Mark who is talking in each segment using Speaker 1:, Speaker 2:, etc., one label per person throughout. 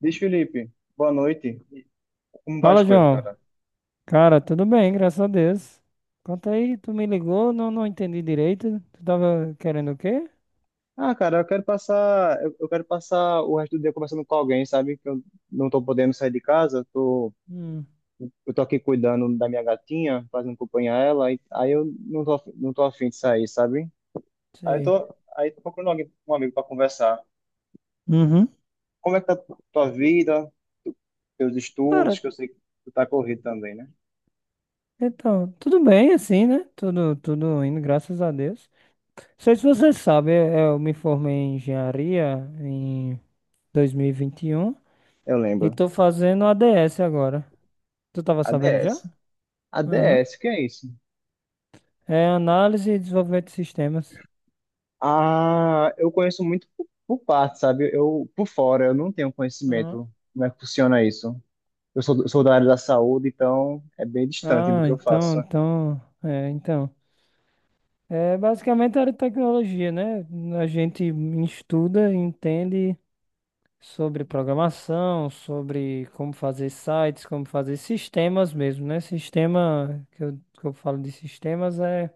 Speaker 1: Diz, Felipe, boa noite. Como vão as
Speaker 2: Fala,
Speaker 1: coisas,
Speaker 2: João.
Speaker 1: cara?
Speaker 2: Cara, tudo bem, graças a Deus. Conta aí, tu me ligou, não entendi direito. Tu tava querendo o quê?
Speaker 1: Ah, cara, eu quero passar o resto do dia conversando com alguém, sabe? Que eu não tô podendo sair de casa.
Speaker 2: Hum,
Speaker 1: Eu tô aqui cuidando da minha gatinha, fazendo companhia a ela, aí eu não tô afim de sair, sabe? Aí eu
Speaker 2: sei.
Speaker 1: tô, aí tô procurando alguém, um amigo para conversar.
Speaker 2: Uhum.
Speaker 1: Como é que tá tua vida, teus estudos,
Speaker 2: Cara,
Speaker 1: que eu sei que tu tá corrido também, né?
Speaker 2: então, tudo bem assim, né? Tudo indo, graças a Deus. Não sei se você sabe, eu me formei em engenharia em 2021 e vinte
Speaker 1: Eu
Speaker 2: e um e
Speaker 1: lembro.
Speaker 2: tô fazendo ADS agora. Tu tava sabendo já?
Speaker 1: ADS.
Speaker 2: Uhum.
Speaker 1: ADS, o que é isso?
Speaker 2: É análise e desenvolvimento de sistemas.
Speaker 1: Ah, eu conheço muito por parte, sabe? Eu por fora, eu não tenho
Speaker 2: Uhum.
Speaker 1: conhecimento como é que funciona isso. Sou da área da saúde, então é bem distante do
Speaker 2: Ah,
Speaker 1: que eu
Speaker 2: então,
Speaker 1: faço.
Speaker 2: então, é, então. É basicamente a área de tecnologia, né? A gente estuda, entende sobre programação, sobre como fazer sites, como fazer sistemas mesmo, né? Sistema, que eu falo de sistemas, é,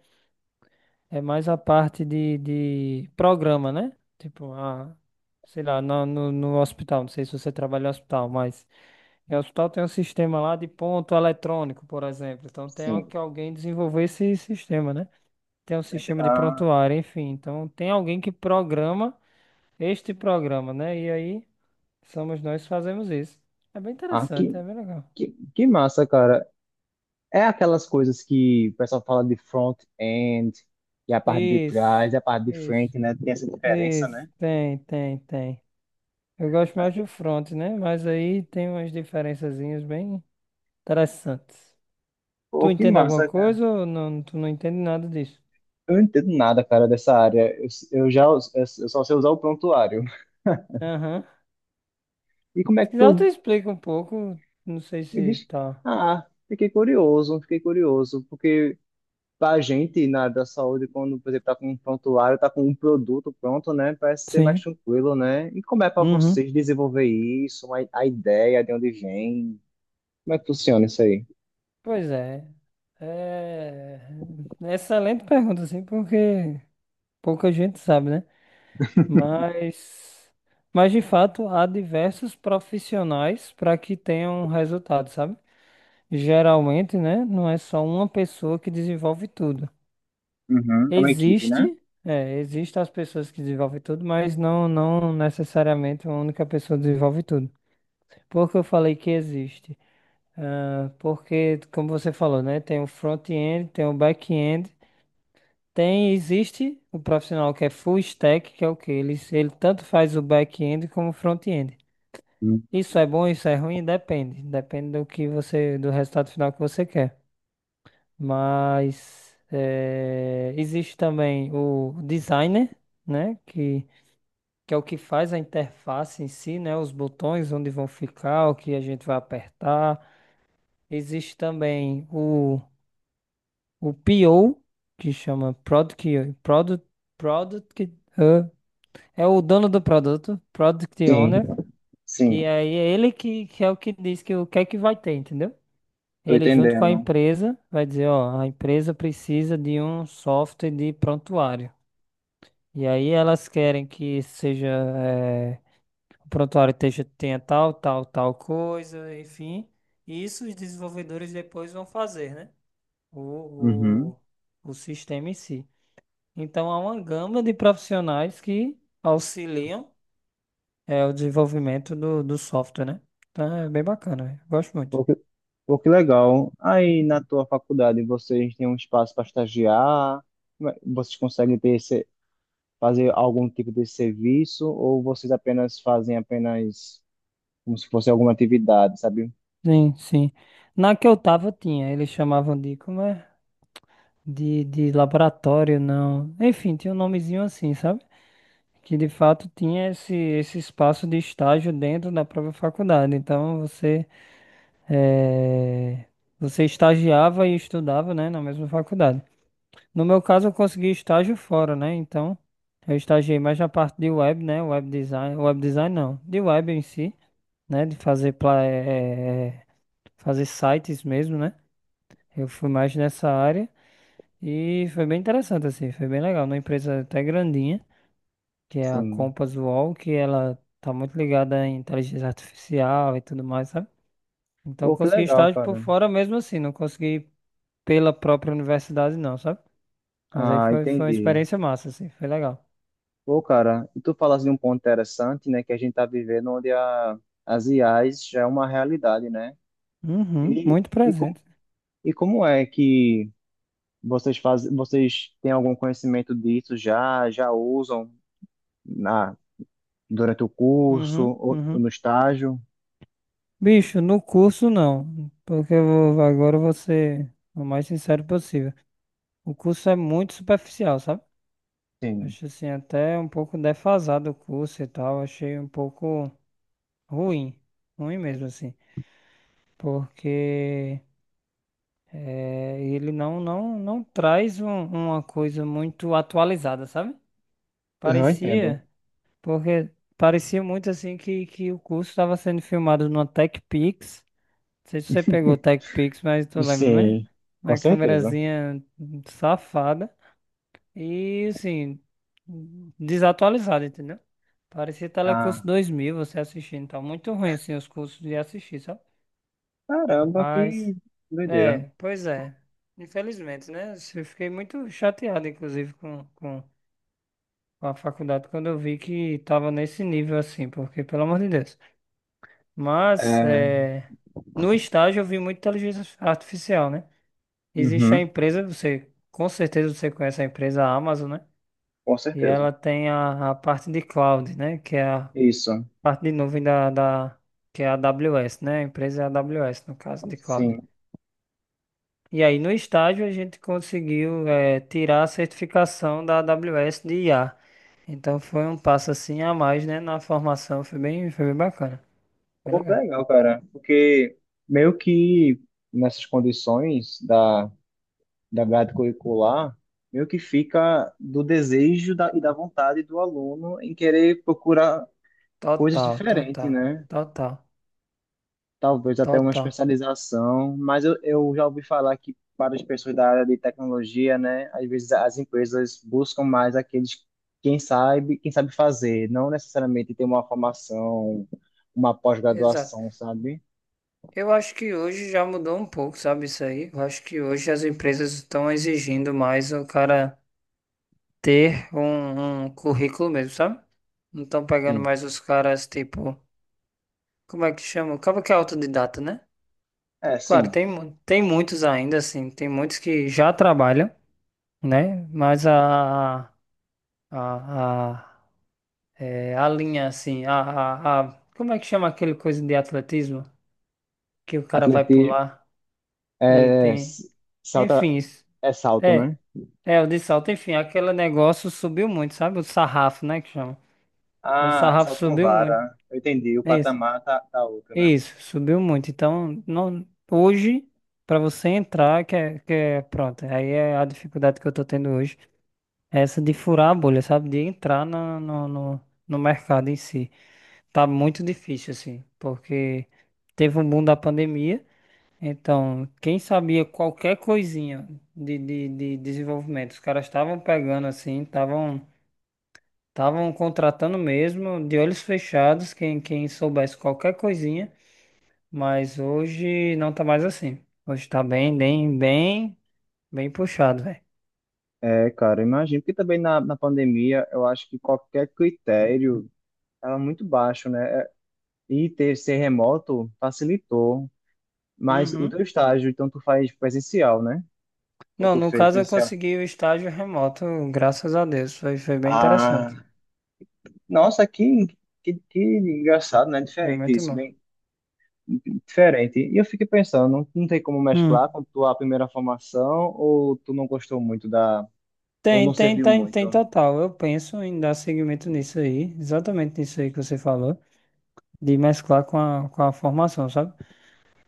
Speaker 2: é mais a parte de programa, né? Tipo, sei lá, no hospital, não sei se você trabalha em hospital, mas em hospital tem um sistema lá de ponto eletrônico, por exemplo. Então tem
Speaker 1: Sim.
Speaker 2: que alguém desenvolver esse sistema, né? Tem um sistema de
Speaker 1: Ah,
Speaker 2: prontuário, enfim. Então, tem alguém que programa este programa, né? E aí, somos nós que fazemos isso. É bem
Speaker 1: ah, que,
Speaker 2: interessante, é bem legal.
Speaker 1: que massa, cara. É aquelas coisas que o pessoal fala de front-end, e a parte de
Speaker 2: Isso,
Speaker 1: trás, e a parte de
Speaker 2: isso,
Speaker 1: frente, né? Tem essa diferença, né?
Speaker 2: isso. Tem, tem, tem. Eu gosto
Speaker 1: Ah,
Speaker 2: mais do
Speaker 1: que-
Speaker 2: front, né? Mas aí tem umas diferençazinhas bem interessantes.
Speaker 1: Pô,
Speaker 2: Tu
Speaker 1: que
Speaker 2: entende alguma
Speaker 1: massa, cara.
Speaker 2: coisa ou não, tu não entende nada disso?
Speaker 1: Eu não entendo nada, cara, dessa área. Eu só sei usar o prontuário.
Speaker 2: Aham.
Speaker 1: E como é
Speaker 2: Se
Speaker 1: que
Speaker 2: quiser,
Speaker 1: tu
Speaker 2: eu te explico um pouco. Não sei
Speaker 1: Me
Speaker 2: se
Speaker 1: diz,
Speaker 2: tá.
Speaker 1: ah, fiquei curioso, porque pra gente na da saúde, quando, por exemplo, tá com um prontuário, tá com um produto pronto, né? Parece ser mais
Speaker 2: Sim.
Speaker 1: tranquilo, né? E como é pra
Speaker 2: Uhum.
Speaker 1: vocês desenvolver isso, a ideia de onde vem? Como é que funciona isso aí?
Speaker 2: Pois é. É é excelente pergunta, assim, porque pouca gente sabe, né? Mas, mas de fato, há diversos profissionais para que tenham resultado, sabe? Geralmente, né? Não é só uma pessoa que desenvolve tudo.
Speaker 1: Uhum, é uma equipe, né?
Speaker 2: Existe, existem as pessoas que desenvolvem tudo, mas não necessariamente uma única pessoa desenvolve tudo. Por que eu falei que existe? Ah, porque, como você falou, né? Tem o front-end, tem o back-end. Tem, existe o profissional que é full stack, que é o que ele tanto faz o back-end como o front-end.
Speaker 1: Uhum.
Speaker 2: Isso é bom, isso é ruim, depende. Depende do resultado final que você quer. Mas existe também o designer, né? Que é o que faz a interface em si, né? Os botões onde vão ficar, o que a gente vai apertar. Existe também o PO, que chama Product. É o dono do produto, Product
Speaker 1: Sim,
Speaker 2: Owner,
Speaker 1: sim,
Speaker 2: que aí é ele que é o que diz que o que é que vai ter, entendeu?
Speaker 1: tô
Speaker 2: Ele junto com a
Speaker 1: entendendo.
Speaker 2: empresa vai dizer, ó, a empresa precisa de um software de prontuário. E aí elas querem que seja, o prontuário esteja, tenha tal, tal, tal coisa, enfim. E isso os desenvolvedores depois vão fazer, né?
Speaker 1: Uhum.
Speaker 2: O, o, o sistema em si. Então há uma gama de profissionais que auxiliam é o desenvolvimento do software, né? Então é bem bacana, velho. Gosto muito.
Speaker 1: pô, que, Pô, que legal. Aí na tua faculdade vocês têm um espaço para estagiar? Como é- Vocês conseguem ter esse, fazer algum tipo de serviço ou vocês apenas fazem apenas como se fosse alguma atividade, sabe?
Speaker 2: Sim, sim. Na que eu tava tinha, eles chamavam de, como é? De laboratório, não. Enfim, tinha um nomezinho assim, sabe? Que de fato tinha esse espaço de estágio dentro da própria faculdade. Então eh, você estagiava e estudava, né, na mesma faculdade. No meu caso, eu consegui estágio fora, né? Então eu estagiei mais na parte de web, né? Web design não, de web em si. Né? De fazer, pla- eh, eh, eh, fazer sites mesmo, né? Eu fui mais nessa área e foi bem interessante, assim, foi bem legal. Uma empresa até grandinha, que é a
Speaker 1: Sim.
Speaker 2: Compass UOL, que ela tá muito ligada em inteligência artificial e tudo mais, sabe? Então eu
Speaker 1: Pô, que
Speaker 2: consegui
Speaker 1: legal,
Speaker 2: estágio por
Speaker 1: cara.
Speaker 2: fora mesmo assim, não consegui pela própria universidade não, sabe? Mas aí
Speaker 1: Ah,
Speaker 2: foi uma
Speaker 1: entendi.
Speaker 2: experiência massa, assim, foi legal.
Speaker 1: Pô, cara, e tu falas de um ponto interessante, né, que a gente tá vivendo onde as IAs já é uma realidade, né?
Speaker 2: Uhum,
Speaker 1: E,
Speaker 2: muito
Speaker 1: e, com,
Speaker 2: presente.
Speaker 1: e como é que vocês fazem, vocês têm algum conhecimento disso já, já usam na, durante o curso
Speaker 2: Uhum,
Speaker 1: ou
Speaker 2: uhum.
Speaker 1: no estágio?
Speaker 2: Bicho, no curso não, porque agora eu vou ser o mais sincero possível. O curso é muito superficial, sabe?
Speaker 1: Sim,
Speaker 2: Acho assim, até um pouco defasado o curso e tal, achei um pouco ruim, ruim mesmo assim, porque ele não traz uma coisa muito atualizada, sabe?
Speaker 1: eu entendo.
Speaker 2: Parecia, porque parecia muito assim que o curso estava sendo filmado numa TechPix. Não sei se você pegou o TechPix, mas tu lembra, né?
Speaker 1: Sim, com
Speaker 2: Uma
Speaker 1: certeza.
Speaker 2: câmerazinha safada e, assim, desatualizada, entendeu? Parecia
Speaker 1: Ah,
Speaker 2: Telecurso 2000, você assistindo. Tá muito ruim, assim, os cursos de assistir, sabe?
Speaker 1: caramba, que
Speaker 2: Mas,
Speaker 1: doideira.
Speaker 2: é, pois é. Infelizmente, né? Eu fiquei muito chateado, inclusive, com a faculdade quando eu vi que tava nesse nível, assim, porque, pelo amor de Deus. Mas,
Speaker 1: É,
Speaker 2: é, no estágio eu vi muita inteligência artificial, né? Existe a
Speaker 1: uhum,
Speaker 2: empresa, você com certeza você conhece a empresa Amazon, né?
Speaker 1: com
Speaker 2: E
Speaker 1: certeza.
Speaker 2: ela tem a parte de cloud, né? Que é a
Speaker 1: Isso,
Speaker 2: parte de nuvem da que é a AWS, né? A empresa é a AWS, no caso de cloud.
Speaker 1: sim.
Speaker 2: E aí no estágio a gente conseguiu tirar a certificação da AWS de IA. Então foi um passo assim a mais, né? Na formação foi bem bacana, bem
Speaker 1: Pô, que
Speaker 2: legal.
Speaker 1: legal, cara. Porque meio que nessas condições da grade curricular, meio que fica do desejo da, e da vontade do aluno em querer procurar coisas
Speaker 2: Total,
Speaker 1: diferentes,
Speaker 2: total,
Speaker 1: né?
Speaker 2: total,
Speaker 1: Talvez até uma
Speaker 2: total.
Speaker 1: especialização, mas eu já ouvi falar que para as pessoas da área de tecnologia, né, às vezes as empresas buscam mais aqueles quem sabe fazer, não necessariamente ter uma formação, uma
Speaker 2: Exato.
Speaker 1: pós-graduação, sabe?
Speaker 2: Eu acho que hoje já mudou um pouco, sabe isso aí? Eu acho que hoje as empresas estão exigindo mais o cara ter um currículo mesmo, sabe? Não estão pegando
Speaker 1: Sim.
Speaker 2: mais os caras, tipo, como é que chama? Acaba que é autodidata, né?
Speaker 1: É,
Speaker 2: Claro,
Speaker 1: sim.
Speaker 2: tem muitos ainda, assim, tem muitos que já trabalham, né? Mas a, a, a linha, assim, como é que chama aquele coisa de atletismo que o cara vai
Speaker 1: Atletismo
Speaker 2: pular e
Speaker 1: é
Speaker 2: tem,
Speaker 1: s- salta
Speaker 2: enfim, isso.
Speaker 1: é salto,
Speaker 2: É,
Speaker 1: né?
Speaker 2: É, o de salto, enfim, aquele negócio subiu muito, sabe? O sarrafo, né, que chama. O
Speaker 1: Ah,
Speaker 2: sarrafo
Speaker 1: salto com
Speaker 2: subiu muito.
Speaker 1: vara. Eu entendi. O
Speaker 2: Isso,
Speaker 1: patamar tá outro, né?
Speaker 2: isso, subiu muito. Então, não, hoje, para você entrar, que é, pronto, aí é a dificuldade que eu tô tendo hoje, é essa de furar a bolha, sabe? De entrar no mercado em si. Tá muito difícil, assim, porque teve um boom da pandemia, então, quem sabia qualquer coisinha de desenvolvimento, os caras estavam pegando, assim, estavam contratando mesmo, de olhos fechados, quem soubesse qualquer coisinha, mas hoje não tá mais assim. Hoje tá bem, bem, bem, bem puxado, velho.
Speaker 1: É, cara, imagino que também na, na pandemia, eu acho que qualquer critério era muito baixo, né? E ter ser remoto facilitou, mas o
Speaker 2: Uhum.
Speaker 1: teu estágio, então tu faz presencial, né? Ou
Speaker 2: Não,
Speaker 1: tu
Speaker 2: no
Speaker 1: fez
Speaker 2: caso eu
Speaker 1: presencial?
Speaker 2: consegui o estágio remoto, graças a Deus. Foi bem
Speaker 1: Ah,
Speaker 2: interessante.
Speaker 1: nossa, que engraçado, né?
Speaker 2: Foi
Speaker 1: Diferente
Speaker 2: muito
Speaker 1: isso,
Speaker 2: bom.
Speaker 1: bem diferente. E eu fiquei pensando, não tem como mesclar
Speaker 2: Hum.
Speaker 1: com tua primeira formação ou tu não gostou muito da, ou
Speaker 2: Tem,
Speaker 1: não
Speaker 2: tem,
Speaker 1: serviu
Speaker 2: tem, tem
Speaker 1: muito?
Speaker 2: total. Eu penso em dar seguimento nisso aí, exatamente nisso aí que você falou, de mesclar com a formação, sabe?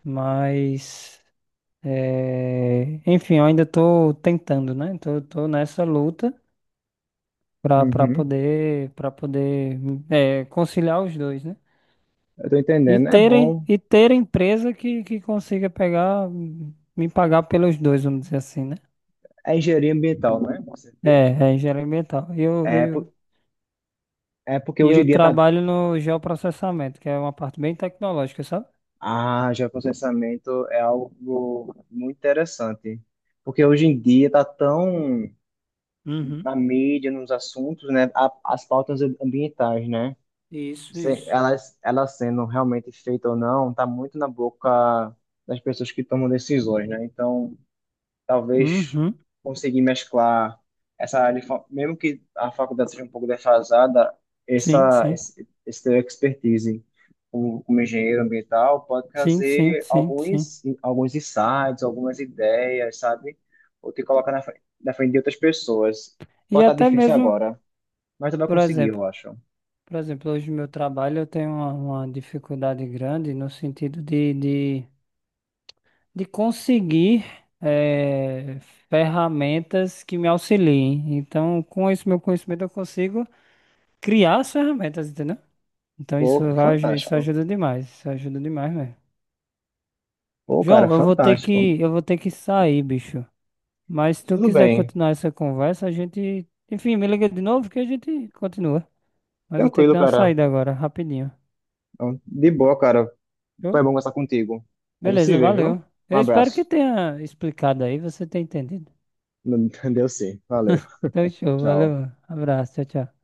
Speaker 2: Mas. É, enfim, eu ainda estou tentando, né? Tô nessa luta para para
Speaker 1: Uhum.
Speaker 2: poder para poder é, conciliar os dois, né?
Speaker 1: Eu tô
Speaker 2: E
Speaker 1: entendendo. É
Speaker 2: terem
Speaker 1: bom.
Speaker 2: e ter empresa que consiga pegar me pagar pelos dois, vamos dizer assim, né?
Speaker 1: É engenharia ambiental, né? Você
Speaker 2: É,
Speaker 1: fez?
Speaker 2: é engenharia ambiental. E eu,
Speaker 1: É,
Speaker 2: eu,
Speaker 1: por- É porque
Speaker 2: e
Speaker 1: hoje
Speaker 2: eu
Speaker 1: em dia tá
Speaker 2: trabalho no geoprocessamento, que é uma parte bem tecnológica, sabe?
Speaker 1: Ah, geoprocessamento é algo muito interessante, porque hoje em dia está tão
Speaker 2: Uhum.
Speaker 1: na mídia, nos assuntos, né, a- as pautas ambientais, né,
Speaker 2: Isso,
Speaker 1: se-
Speaker 2: isso.
Speaker 1: elas sendo realmente feitas ou não, está muito na boca das pessoas que tomam decisões, né, então talvez
Speaker 2: Uhum.
Speaker 1: conseguir mesclar essa área, de fa- mesmo que a faculdade seja um pouco defasada,
Speaker 2: Sim,
Speaker 1: essa
Speaker 2: sim.
Speaker 1: esse, esse teu expertise como, como engenheiro ambiental pode
Speaker 2: Sim, sim,
Speaker 1: trazer
Speaker 2: sim, sim.
Speaker 1: alguns insights, algumas ideias, sabe? Ou te colocar na, fre- na frente de outras pessoas.
Speaker 2: E
Speaker 1: Pode estar
Speaker 2: até
Speaker 1: difícil
Speaker 2: mesmo,
Speaker 1: agora, mas tu vai
Speaker 2: por
Speaker 1: conseguir,
Speaker 2: exemplo,
Speaker 1: eu acho.
Speaker 2: Por exemplo, hoje no meu trabalho eu tenho uma dificuldade grande no sentido de conseguir eh, ferramentas que me auxiliem. Então, com esse meu conhecimento, eu consigo criar as ferramentas, entendeu? Então, isso
Speaker 1: Pô,
Speaker 2: vai, aju- isso
Speaker 1: fantástico.
Speaker 2: ajuda demais. Isso ajuda demais mesmo.
Speaker 1: Pô, cara,
Speaker 2: João, eu vou ter
Speaker 1: fantástico.
Speaker 2: que, eu vou ter que sair, bicho. Mas se tu
Speaker 1: Tudo
Speaker 2: quiser
Speaker 1: bem.
Speaker 2: continuar essa conversa, a gente. Enfim, me liga de novo que a gente continua. Mas eu tenho que
Speaker 1: Tranquilo,
Speaker 2: dar uma
Speaker 1: cara.
Speaker 2: saída agora, rapidinho.
Speaker 1: Então, de boa, cara. Foi
Speaker 2: Show?
Speaker 1: bom conversar contigo. A gente se
Speaker 2: Beleza,
Speaker 1: vê, viu?
Speaker 2: valeu.
Speaker 1: Um
Speaker 2: Eu espero que
Speaker 1: abraço.
Speaker 2: tenha explicado aí, você tenha entendido.
Speaker 1: Deu sim. Valeu.
Speaker 2: Então, show,
Speaker 1: Tchau.
Speaker 2: valeu. Abraço, tchau, tchau.